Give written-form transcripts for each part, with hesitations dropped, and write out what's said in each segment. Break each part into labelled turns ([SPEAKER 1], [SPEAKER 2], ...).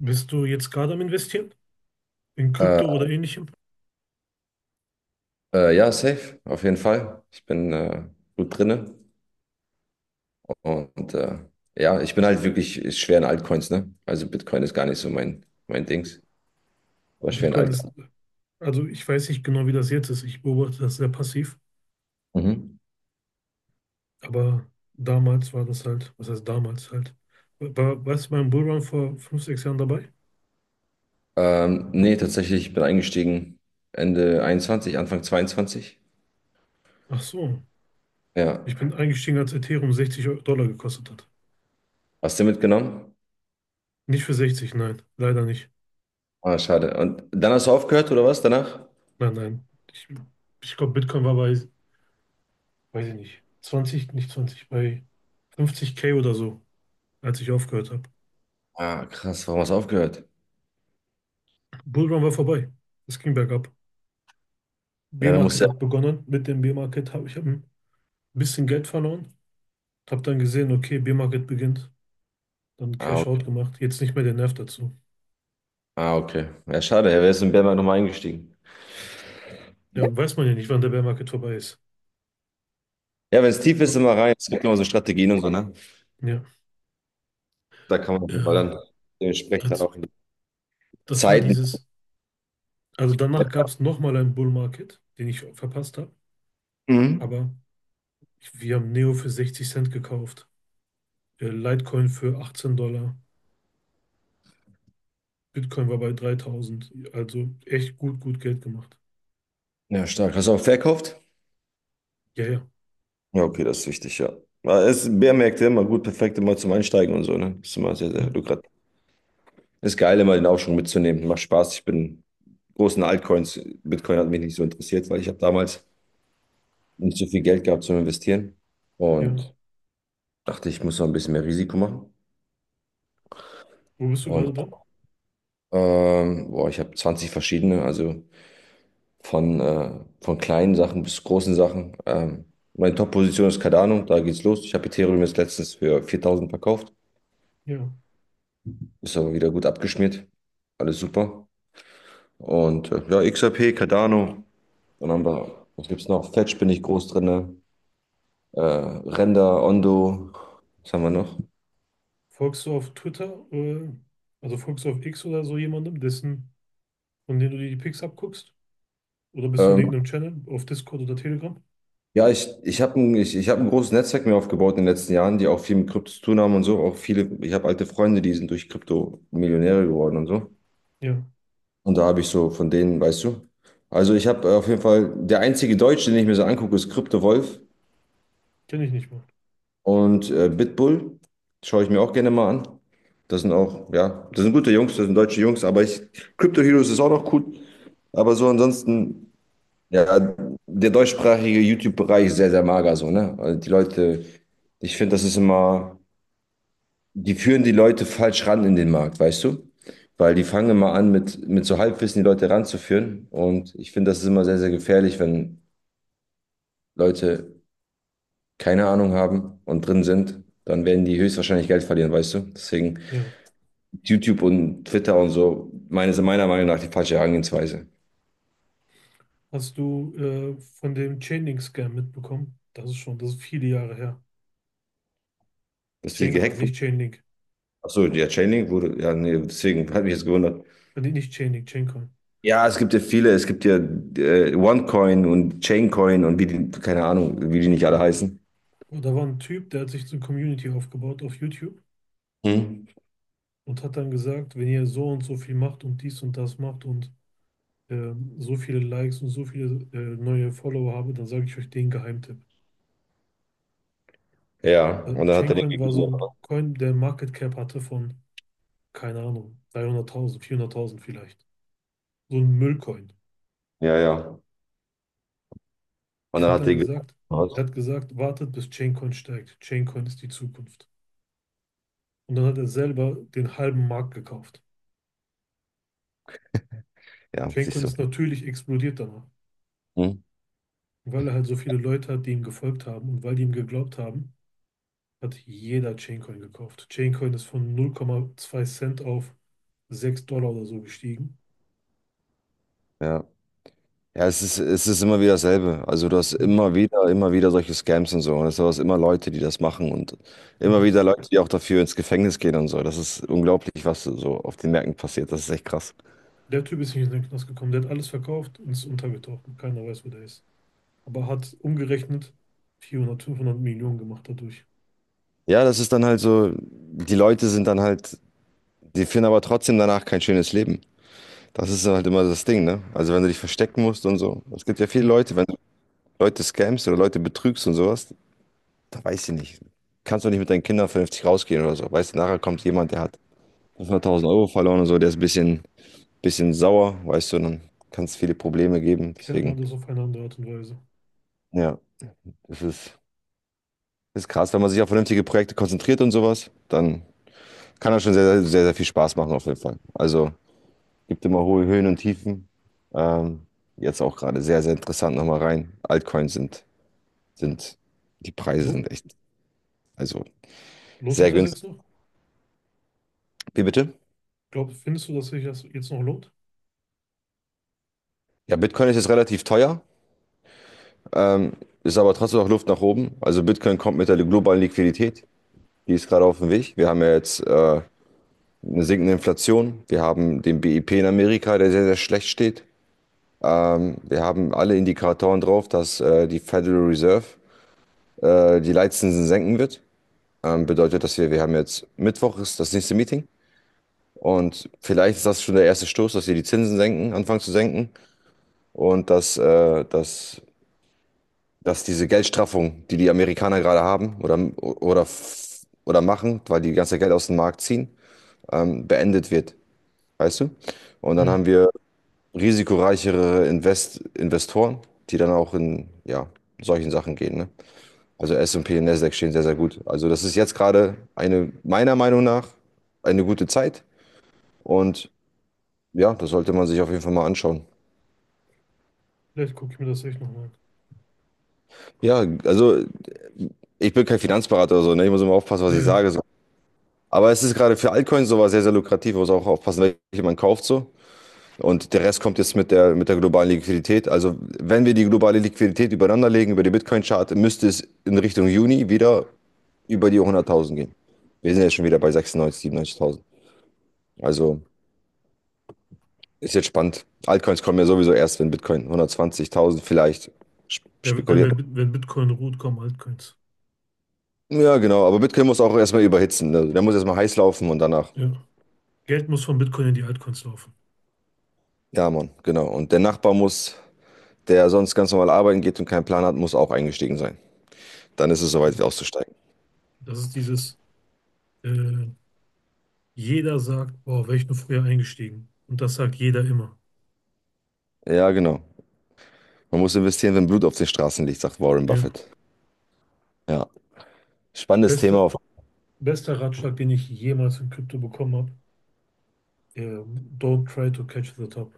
[SPEAKER 1] Bist du jetzt gerade am Investieren? In
[SPEAKER 2] Äh,
[SPEAKER 1] Krypto oder ähnlichem?
[SPEAKER 2] ja, safe, auf jeden Fall. Ich bin gut drinne und ja, ich bin halt wirklich schwer in Altcoins, ne? Also Bitcoin ist gar nicht so mein Dings, aber schwer in
[SPEAKER 1] Bitcoin ist,
[SPEAKER 2] Altcoins.
[SPEAKER 1] also ich weiß nicht genau, wie das jetzt ist. Ich beobachte das sehr passiv,
[SPEAKER 2] Mhm.
[SPEAKER 1] aber damals war das halt, was heißt damals halt? Warst du beim Bullrun vor fünf, sechs Jahren dabei?
[SPEAKER 2] Nee, tatsächlich, ich bin eingestiegen Ende 21, Anfang 22.
[SPEAKER 1] Ach so, ich
[SPEAKER 2] Ja.
[SPEAKER 1] bin eingestiegen, als Ethereum 60 Dollar gekostet hat.
[SPEAKER 2] Hast du mitgenommen?
[SPEAKER 1] Nicht für 60, nein, leider nicht.
[SPEAKER 2] Ah, schade. Und dann hast du aufgehört oder was danach?
[SPEAKER 1] Nein, nein. Ich, ich glaube, Bitcoin war bei, weiß ich nicht, 20, nicht 20, bei 50K oder so, als ich aufgehört habe.
[SPEAKER 2] Ah, krass, warum hast du aufgehört?
[SPEAKER 1] Bullrun war vorbei. Es ging bergab.
[SPEAKER 2] Ja, dann musst
[SPEAKER 1] B-Market
[SPEAKER 2] du ja.
[SPEAKER 1] hat begonnen. Mit dem B-Market hab ein bisschen Geld verloren. Habe dann gesehen, okay, B-Market beginnt. Dann
[SPEAKER 2] Ah,
[SPEAKER 1] Cash
[SPEAKER 2] okay.
[SPEAKER 1] Out gemacht. Jetzt nicht mehr der Nerv dazu.
[SPEAKER 2] Ah, okay. Ja, schade, er wäre jetzt in Bärmarkt nochmal eingestiegen.
[SPEAKER 1] Ja, weiß man ja nicht, wann der Bear Market vorbei ist.
[SPEAKER 2] Ja, wenn es tief
[SPEAKER 1] Ja,
[SPEAKER 2] ist, immer rein. Es gibt immer so Strategien und so, ne? Da kann man, weil
[SPEAKER 1] ja.
[SPEAKER 2] dann dementsprechend dann
[SPEAKER 1] als-
[SPEAKER 2] auch in die
[SPEAKER 1] Das war
[SPEAKER 2] Zeiten.
[SPEAKER 1] dieses. Also danach gab es nochmal einen Bull Market, den ich verpasst habe.
[SPEAKER 2] Mhm.
[SPEAKER 1] Aber ich, wir haben Neo für 60 Cent gekauft. Litecoin für 18 Dollar. Bitcoin war bei 3000. Also echt gut, gut Geld gemacht.
[SPEAKER 2] Ja, stark. Hast du auch verkauft?
[SPEAKER 1] Ja, ja.
[SPEAKER 2] Ja, okay, das ist wichtig, ja. Aber es ist Bärmärkte immer gut, perfekt immer zum Einsteigen und so, ne? Ist immer sehr,
[SPEAKER 1] Ja,
[SPEAKER 2] sehr lukrativ. Ist geil, immer den Aufschwung mitzunehmen. Macht Spaß. Ich bin großen Altcoins. Bitcoin hat mich nicht so interessiert, weil ich habe damals nicht so viel Geld gehabt zum Investieren
[SPEAKER 1] ja.
[SPEAKER 2] und dachte, ich muss noch ein bisschen mehr Risiko machen.
[SPEAKER 1] Wo bist du
[SPEAKER 2] Und
[SPEAKER 1] gerade drin?
[SPEAKER 2] boah, ich habe 20 verschiedene, also Von, äh, von kleinen Sachen bis großen Sachen. Meine Top-Position ist Cardano, da geht's los. Ich habe Ethereum jetzt letztens für 4000 verkauft.
[SPEAKER 1] Ja.
[SPEAKER 2] Ist aber wieder gut abgeschmiert. Alles super. Und ja, XRP, Cardano. Dann haben wir, was gibt's noch? Fetch bin ich groß drin. Render, Ondo. Was haben wir noch?
[SPEAKER 1] Folgst du auf Twitter, also folgst du auf X oder so jemandem, dessen, von dem du dir die Pics abguckst? Oder bist du in
[SPEAKER 2] Ähm,
[SPEAKER 1] irgendeinem Channel, auf Discord oder Telegram?
[SPEAKER 2] ja, ich hab ein großes Netzwerk mir aufgebaut in den letzten Jahren, die auch viel mit Krypto zu tun haben und so. Ich habe alte Freunde, die sind durch Krypto Millionäre geworden und so.
[SPEAKER 1] Ja,
[SPEAKER 2] Und da habe ich so von denen, weißt du. Also ich habe auf jeden Fall, der einzige Deutsche, den ich mir so angucke, ist Krypto Wolf
[SPEAKER 1] kenne ich nicht mal.
[SPEAKER 2] und Bitbull. Schaue ich mir auch gerne mal an. Das sind auch, ja, das sind gute Jungs, das sind deutsche Jungs, aber ich, Crypto Heroes ist auch noch gut. Aber so ansonsten, ja, der deutschsprachige YouTube-Bereich ist sehr, sehr mager so, ne? Also die Leute, ich finde, das ist immer. Die führen die Leute falsch ran in den Markt, weißt du? Weil die fangen immer an, mit so Halbwissen die Leute ranzuführen. Und ich finde, das ist immer sehr, sehr gefährlich, wenn Leute keine Ahnung haben und drin sind, dann werden die höchstwahrscheinlich Geld verlieren, weißt du? Deswegen
[SPEAKER 1] Ja.
[SPEAKER 2] YouTube und Twitter und so, meiner Meinung nach die falsche Herangehensweise.
[SPEAKER 1] Hast du von dem Chainlink-Scam mitbekommen? Das ist schon, das ist viele Jahre her.
[SPEAKER 2] Dass die
[SPEAKER 1] Chaincoin,
[SPEAKER 2] gehackt wurden.
[SPEAKER 1] nicht Chainlink.
[SPEAKER 2] Achso, ja, Chainlink wurde, ja, nee, deswegen hat mich jetzt gewundert.
[SPEAKER 1] Nee, nicht Chainlink, Chaincoin.
[SPEAKER 2] Ja, es gibt ja viele, es gibt ja OneCoin und Chaincoin und wie die, keine Ahnung, wie die nicht alle heißen.
[SPEAKER 1] Und da war ein Typ, der hat sich eine Community aufgebaut auf YouTube
[SPEAKER 2] Hm.
[SPEAKER 1] und hat dann gesagt, wenn ihr so und so viel macht und dies und das macht und äh, so viele Likes und so viele neue Follower habe, dann sage ich euch den Geheimtipp.
[SPEAKER 2] Ja, und dann hat er den
[SPEAKER 1] Chaincoin war so
[SPEAKER 2] gegeben.
[SPEAKER 1] ein Coin, der Market Cap hatte von, keine Ahnung, 300.000, 400.000 vielleicht. So ein Müllcoin.
[SPEAKER 2] Ja, ja. Und
[SPEAKER 1] Er
[SPEAKER 2] dann
[SPEAKER 1] hat
[SPEAKER 2] hat er
[SPEAKER 1] dann
[SPEAKER 2] den gegeben.
[SPEAKER 1] gesagt, Er hat gesagt, wartet, bis Chaincoin steigt. Chaincoin ist die Zukunft. Und dann hat er selber den halben Markt gekauft.
[SPEAKER 2] Ja,
[SPEAKER 1] Chaincoin
[SPEAKER 2] siehst du.
[SPEAKER 1] ist natürlich explodiert danach,
[SPEAKER 2] Hm?
[SPEAKER 1] weil er halt so viele Leute hat, die ihm gefolgt haben, und weil die ihm geglaubt haben, hat jeder Chaincoin gekauft. Chaincoin ist von 0,2 Cent auf 6 Dollar oder so gestiegen.
[SPEAKER 2] Ja. Ja, es ist immer wieder dasselbe. Also du hast
[SPEAKER 1] Ja.
[SPEAKER 2] immer wieder solche Scams und so. Und es sind immer Leute, die das machen und immer
[SPEAKER 1] Ja.
[SPEAKER 2] wieder Leute, die auch dafür ins Gefängnis gehen und so. Das ist unglaublich, was so auf den Märkten passiert. Das ist echt krass.
[SPEAKER 1] Der Typ ist nicht in den Knast gekommen. Der hat alles verkauft und ist untergetaucht. Und keiner weiß, wo der ist. Aber hat umgerechnet 400, 500 Millionen gemacht dadurch.
[SPEAKER 2] Ja, das ist dann halt so, die Leute sind dann halt, die finden aber trotzdem danach kein schönes Leben. Das ist halt immer das Ding, ne? Also wenn du dich verstecken musst und so. Es gibt ja viele
[SPEAKER 1] Ja.
[SPEAKER 2] Leute, wenn du Leute scamst oder Leute betrügst und sowas. Da weiß ich nicht. Kannst du nicht mit deinen Kindern vernünftig rausgehen oder so. Weißt du, nachher kommt jemand, der hat 500.000 € verloren und so, der ist ein bisschen sauer, weißt du, dann kann es viele Probleme geben.
[SPEAKER 1] Klärt man
[SPEAKER 2] Deswegen,
[SPEAKER 1] das auf eine andere Art und Weise.
[SPEAKER 2] ja, das ist, das ist krass. Wenn man sich auf vernünftige Projekte konzentriert und sowas, dann kann das schon sehr, sehr, sehr, sehr viel Spaß machen, auf jeden Fall. Also, gibt immer hohe Höhen und Tiefen. Ähm, Jetzt auch gerade sehr, sehr interessant nochmal rein. Altcoins sind, die Preise sind
[SPEAKER 1] Lohnt,
[SPEAKER 2] echt, also
[SPEAKER 1] lohnt sich
[SPEAKER 2] sehr
[SPEAKER 1] das
[SPEAKER 2] günstig.
[SPEAKER 1] jetzt noch?
[SPEAKER 2] Wie bitte?
[SPEAKER 1] Glaub, findest du, dass sich das jetzt noch lohnt?
[SPEAKER 2] Ja, Bitcoin ist jetzt relativ teuer. Ähm, Ist aber trotzdem noch Luft nach oben. Also Bitcoin kommt mit der globalen Liquidität. Die ist gerade auf dem Weg. Wir haben ja jetzt eine sinkende Inflation. Wir haben den BIP in Amerika, der sehr, sehr schlecht steht. Wir haben alle Indikatoren drauf, dass die Federal Reserve die Leitzinsen senken wird. Bedeutet, dass wir haben jetzt Mittwoch ist das nächste Meeting. Und vielleicht ist das schon der erste Stoß, dass sie die Zinsen senken, anfangen zu senken und dass diese Geldstraffung, die die Amerikaner gerade haben oder machen, weil die die ganze Geld aus dem Markt ziehen, beendet wird, weißt du? Und dann
[SPEAKER 1] Ja.
[SPEAKER 2] haben wir risikoreichere Investoren, die dann auch in ja, solchen Sachen gehen. Ne? Also S&P und P und Nasdaq stehen sehr, sehr gut. Also das ist jetzt gerade eine, meiner Meinung nach, eine gute Zeit. Und ja, das sollte man sich auf jeden Fall mal anschauen.
[SPEAKER 1] Vielleicht gucke ich mir das echt nochmal an.
[SPEAKER 2] Ja, also ich bin kein Finanzberater oder so, ne? Ich muss immer aufpassen, was
[SPEAKER 1] Ja,
[SPEAKER 2] ich
[SPEAKER 1] ja.
[SPEAKER 2] sage. So. Aber es ist gerade für Altcoins sowas sehr, sehr lukrativ. Man muss auch aufpassen, welche man kauft so. Und der Rest kommt jetzt mit der globalen Liquidität. Also wenn wir die globale Liquidität übereinander legen über die Bitcoin-Chart, müsste es in Richtung Juni wieder über die 100.000 gehen. Wir sind jetzt schon wieder bei 96, 97.000. Also ist jetzt spannend. Altcoins kommen ja sowieso erst, wenn Bitcoin 120.000 vielleicht sp-
[SPEAKER 1] Der, wenn,
[SPEAKER 2] spekuliert.
[SPEAKER 1] wenn, wenn Bitcoin ruht, kommen Altcoins.
[SPEAKER 2] Ja, genau. Aber Bitcoin muss auch erstmal überhitzen, ne? Der muss erstmal heiß laufen und danach.
[SPEAKER 1] Ja. Geld muss von Bitcoin in die Altcoins laufen.
[SPEAKER 2] Ja, Mann, genau. Und der Nachbar muss, der sonst ganz normal arbeiten geht und keinen Plan hat, muss auch eingestiegen sein. Dann ist es soweit, auszusteigen.
[SPEAKER 1] Das ist dieses, äh, jeder sagt, boah, wäre ich nur früher eingestiegen. Und das sagt jeder immer.
[SPEAKER 2] Ja, genau. Man muss investieren, wenn Blut auf den Straßen liegt, sagt Warren
[SPEAKER 1] Ja.
[SPEAKER 2] Buffett. Ja. Spannendes Thema.
[SPEAKER 1] Beste, Bester Ratschlag, den ich jemals in Krypto bekommen habe. Don't try to catch the top.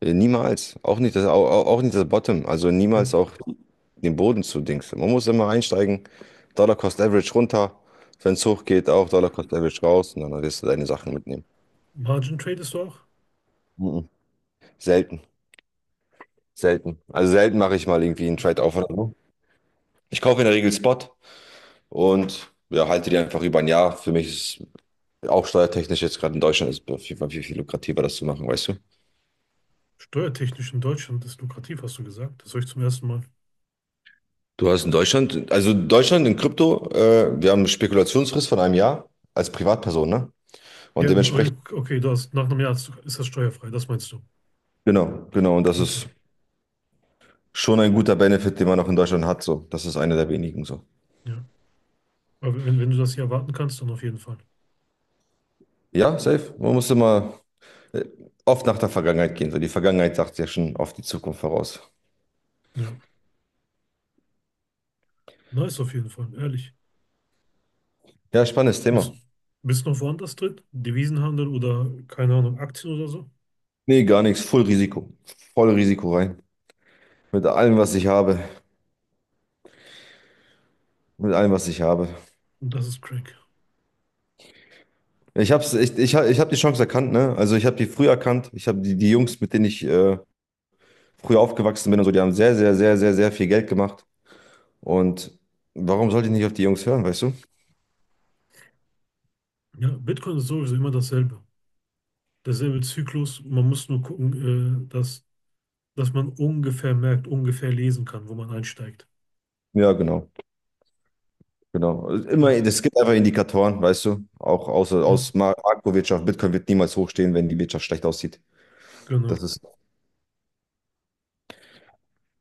[SPEAKER 2] Niemals. Auch nicht das, auch nicht das Bottom. Also niemals
[SPEAKER 1] Ja.
[SPEAKER 2] auch den Boden zu Dings. Man muss immer einsteigen. Dollar Cost Average runter. Wenn es hoch geht, auch Dollar Cost Average raus. Und dann wirst du deine Sachen mitnehmen.
[SPEAKER 1] Margin tradest du auch?
[SPEAKER 2] Mhm. Selten. Selten. Also selten mache ich mal irgendwie einen Trade-off oder so. Ich kaufe in der Regel Spot und ja, halte die einfach über ein Jahr. Für mich ist Auch steuertechnisch jetzt gerade in Deutschland ist es auf jeden Fall viel, viel lukrativer, das zu machen, weißt du?
[SPEAKER 1] Steuertechnisch in Deutschland ist lukrativ, hast du gesagt. Das höre ich zum ersten Mal.
[SPEAKER 2] Du hast in Deutschland, also Deutschland in Krypto, wir haben eine Spekulationsfrist von einem Jahr als Privatperson, ne? Und
[SPEAKER 1] Ja, n-
[SPEAKER 2] dementsprechend,
[SPEAKER 1] oh, okay, du hast, nach einem Jahr hast du- ist das steuerfrei, das meinst du.
[SPEAKER 2] genau, genau, und das
[SPEAKER 1] Okay,
[SPEAKER 2] ist schon ein guter Benefit, den man auch in Deutschland hat, so. Das ist einer der wenigen, so.
[SPEAKER 1] ja. Aber wenn, wenn du das hier erwarten kannst, dann auf jeden Fall.
[SPEAKER 2] Ja, safe. Man muss immer äh, oft nach der Vergangenheit gehen, so. Die Vergangenheit sagt ja schon oft die Zukunft voraus.
[SPEAKER 1] Ja, nice auf jeden Fall, ehrlich.
[SPEAKER 2] Ja, spannendes Thema.
[SPEAKER 1] Bist, bist noch woanders drin? Devisenhandel oder, keine Ahnung, Aktien oder so?
[SPEAKER 2] Nee, gar nichts, voll Risiko. Voll Risiko rein. Mit allem, was ich habe. Mit allem, was ich habe.
[SPEAKER 1] Und das ist crank.
[SPEAKER 2] Ich hab's, ich, ich hab die Chance erkannt, ne? Also ich habe die früh erkannt. Ich habe die Jungs, mit denen ich früher aufgewachsen bin und so, die haben sehr, sehr, sehr, sehr, sehr viel Geld gemacht. Und warum sollte ich nicht auf die Jungs hören, weißt du?
[SPEAKER 1] Ja, Bitcoin ist sowieso immer dasselbe derselbe Zyklus. Man muss nur gucken, dass man ungefähr merkt, ungefähr lesen kann, wo man einsteigt.
[SPEAKER 2] Ja, genau, genau. Immer,
[SPEAKER 1] Ja,
[SPEAKER 2] es gibt einfach Indikatoren, weißt du? Auch aus,
[SPEAKER 1] ja,
[SPEAKER 2] aus Makrowirtschaft. Bitcoin wird niemals hochstehen, wenn die Wirtschaft schlecht aussieht. Das
[SPEAKER 1] genau.
[SPEAKER 2] ist.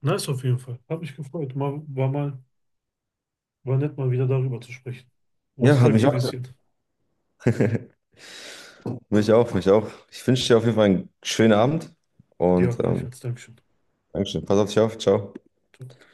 [SPEAKER 1] Nice auf jeden Fall. Hab mich gefreut. War nett, mal wieder darüber zu sprechen.
[SPEAKER 2] Ja, hat mich
[SPEAKER 1] Nostalgie
[SPEAKER 2] auch.
[SPEAKER 1] bisschen.
[SPEAKER 2] Mich auch, mich auch. Ich wünsche dir auf jeden Fall einen schönen Abend
[SPEAKER 1] Dir
[SPEAKER 2] und
[SPEAKER 1] auch gleich als Dankeschön.
[SPEAKER 2] Dankeschön. Pass auf dich auf. Ciao.
[SPEAKER 1] Ciao.